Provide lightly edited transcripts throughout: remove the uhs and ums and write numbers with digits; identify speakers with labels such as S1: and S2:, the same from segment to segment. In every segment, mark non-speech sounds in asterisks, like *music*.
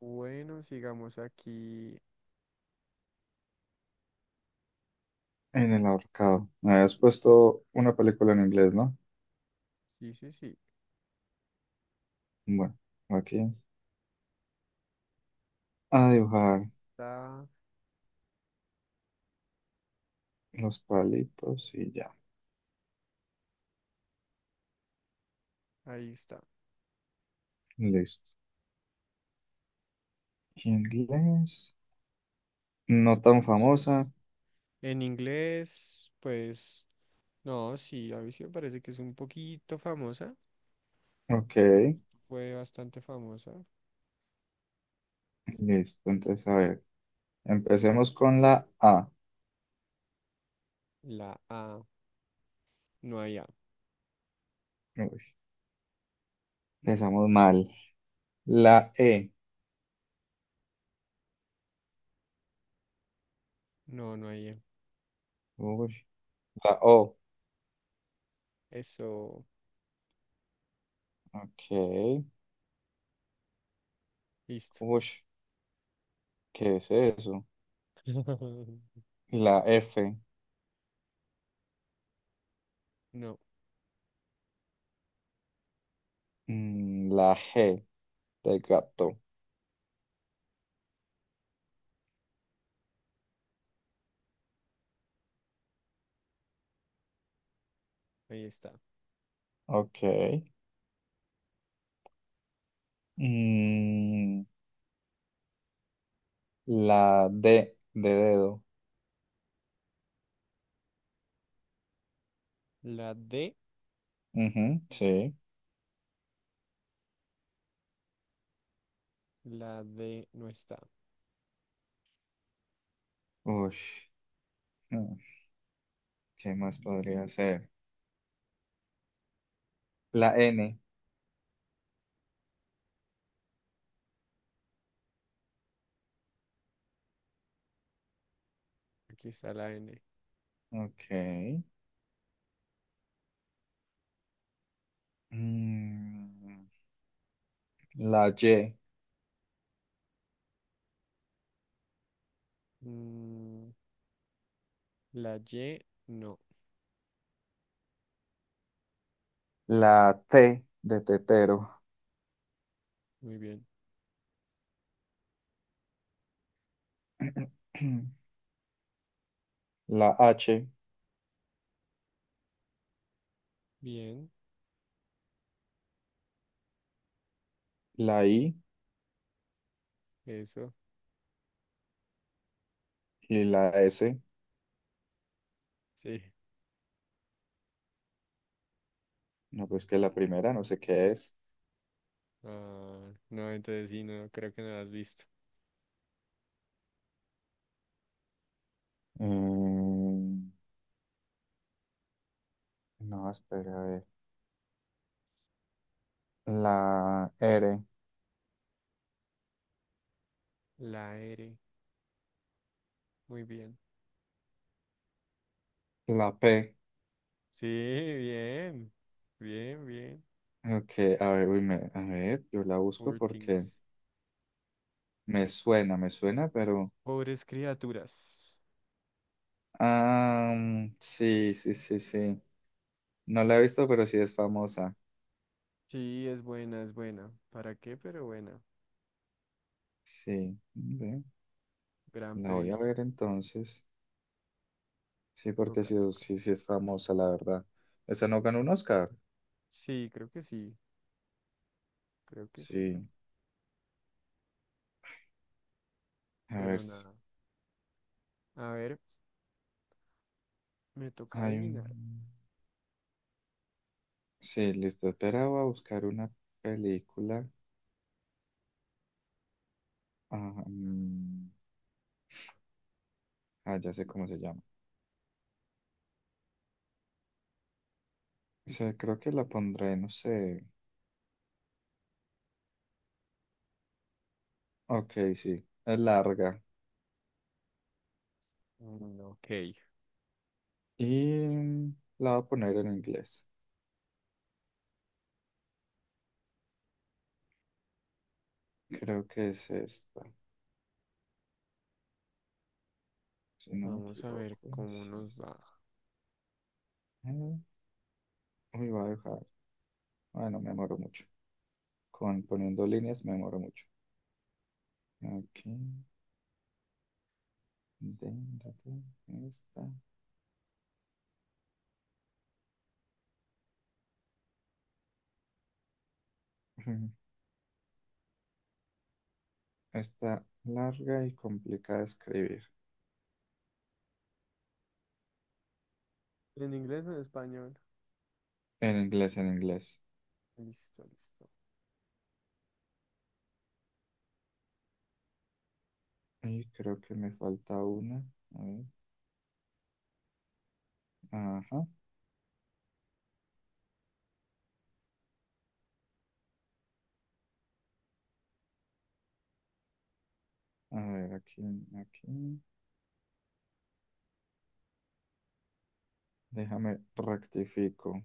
S1: Bueno, sigamos aquí.
S2: En el ahorcado. Me habías puesto una película en inglés, ¿no?
S1: Sí, sí, sí.
S2: Bueno, aquí es. A dibujar
S1: Está,
S2: los palitos y ya.
S1: ahí está.
S2: Listo. Inglés. No tan
S1: Entonces,
S2: famosa.
S1: en inglés, pues, no, sí, a mí sí me parece que es un poquito famosa.
S2: Ok.
S1: En su momento fue bastante famosa.
S2: Listo. Entonces, a ver. Empecemos con la A.
S1: La A, no hay A.
S2: Uy, empezamos mal. La E.
S1: No, no hay E.
S2: Uy, la O.
S1: Eso,
S2: Ok.
S1: listo.
S2: Uy, ¿qué es eso?
S1: *laughs*
S2: La F.
S1: No,
S2: La G de gato.
S1: ahí está.
S2: Ok. Mm, La D de dedo.
S1: La D,
S2: Ujú, sí.
S1: la D no está.
S2: Uy, ¿qué más podría ser? La N.
S1: Aquí está la N.
S2: Ok. Mm, la Y.
S1: Mm, la Y, no.
S2: La T de tetero.
S1: Muy bien.
S2: *clears throat* La H.
S1: Bien,
S2: La I.
S1: eso.
S2: Y la S.
S1: Sí.
S2: No, pues que la primera, no sé qué es.
S1: Ah, no, entonces sí, no, creo que no la has visto.
S2: Mm, no, espera, a ver. La R.
S1: La R. Muy bien.
S2: La P.
S1: Sí, bien. Bien, bien.
S2: Ok, a ver, uy, a ver, yo la busco
S1: Poor
S2: porque
S1: things.
S2: me suena, pero...
S1: Pobres criaturas.
S2: Ah, mm, sí, sí, sí, sí. No la he visto, pero sí es famosa.
S1: Sí, es buena, es buena. ¿Para qué? Pero buena.
S2: Sí, ve,
S1: Gran
S2: la voy a
S1: peli.
S2: ver entonces. Sí, porque
S1: Toca,
S2: sí,
S1: toca.
S2: sí, sí es famosa, la verdad. ¿Esa no ganó un Oscar?
S1: Sí, creo que sí. Creo que sí.
S2: Sí. A ver.
S1: Pero nada. A ver, me toca
S2: Hay
S1: adivinar.
S2: un... Sí, listo. Esperaba buscar una película. Ah, mm, ah, ya sé cómo se llama. Sí, creo que la pondré, no sé. Ok, sí. Es larga.
S1: Mm, ok.
S2: Y mm, la voy a poner en inglés. Creo que es esta. Si no me
S1: Vamos a ver
S2: equivoco,
S1: cómo
S2: es
S1: nos
S2: esta.
S1: va.
S2: Uy, voy a dejar. Bueno, me demoro mucho. Con poniendo líneas me demoro mucho. Aquí, de- de- esta. *laughs* Está larga y complicada de escribir.
S1: ¿En inglés o en español?
S2: En inglés, en inglés.
S1: Listo, listo.
S2: Y creo que me falta una. A ver. Ajá. A ver, aquí, aquí. Déjame rectifico.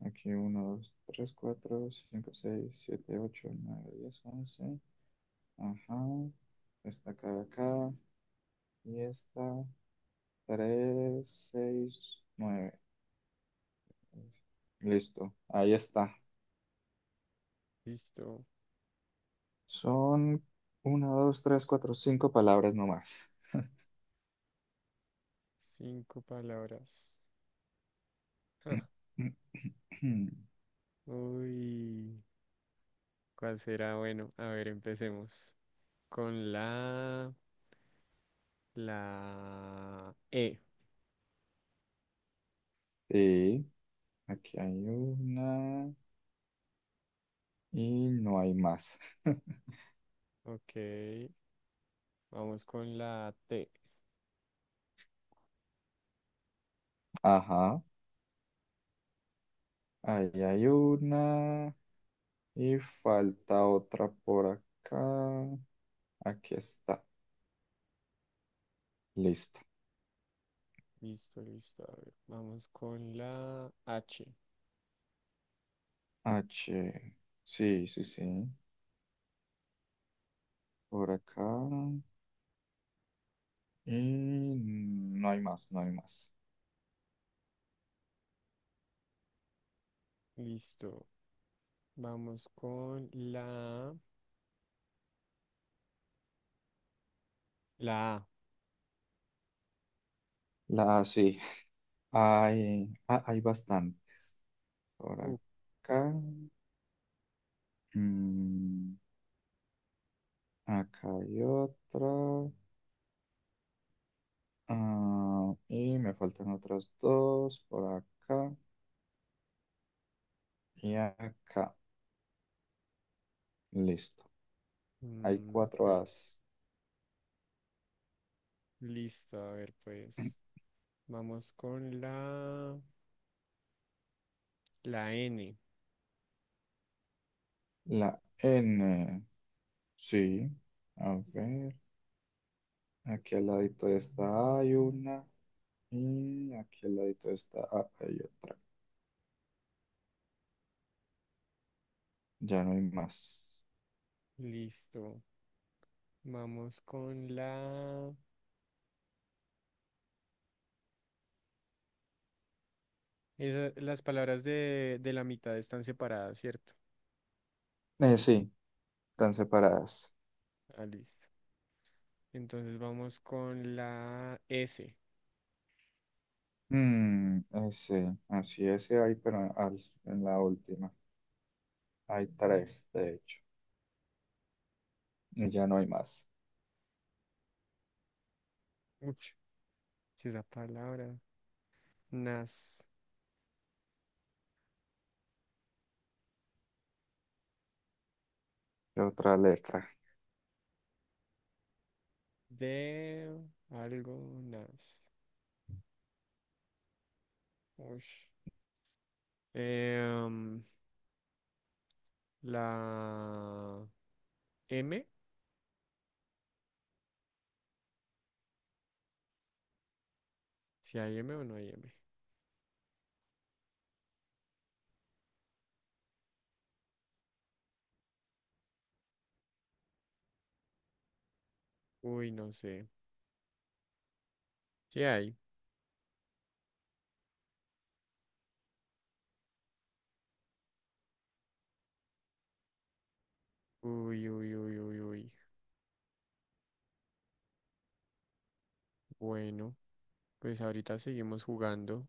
S2: Aquí uno, 2, 3, 4, 5, 6, 7, 8, 9, 10, 11. Ajá. Esta acá, de acá. Y esta. Tres, seis, nueve. Listo. Ahí está.
S1: Listo.
S2: Son una, dos, tres, cuatro, cinco palabras nomás.
S1: Cinco palabras. Ja,
S2: *clears throat*
S1: uy, ¿cuál será? Bueno, a ver, empecemos. Con la, la E.
S2: Sí. Aquí hay una. Y no hay más. *laughs*
S1: Ok, vamos con la T.
S2: Ajá. Ahí hay una. Y falta otra por acá. Aquí está. Listo.
S1: Listo, listo. A ver, vamos con la H.
S2: H. Sí, sí, sí. Por acá. Y no hay más, no hay más.
S1: Listo. Vamos con la, la A.
S2: La, sí. Hay, ah, hay bastante. Por
S1: Uh,
S2: acá. Mm, acá hay otra. Ah, y me faltan otras dos. Por acá y acá. Listo. Hay
S1: mm, ok,
S2: cuatro As.
S1: listo. A ver, pues, vamos con la, la N.
S2: La N. Sí. A ver. Aquí al ladito de esta hay una. Y aquí al ladito de esta A hay otra. Ya no hay más.
S1: Listo. Vamos con la... las palabras de la mitad están separadas, ¿cierto?
S2: Sí, están separadas.
S1: Ah, listo. Entonces vamos con la S.
S2: Mm, ese, así ese hay, pero en la última. Hay tres, de hecho. Y ya no hay más.
S1: Uch, si esa palabra. Nas.
S2: ¿Qué otra letra?
S1: De algo, nas. Ush. Em, la M. ¿Si hay M o no hay M? Uy, no sé. Si hay. Uy, uy, uy, uy, uy. Bueno, pues ahorita seguimos jugando.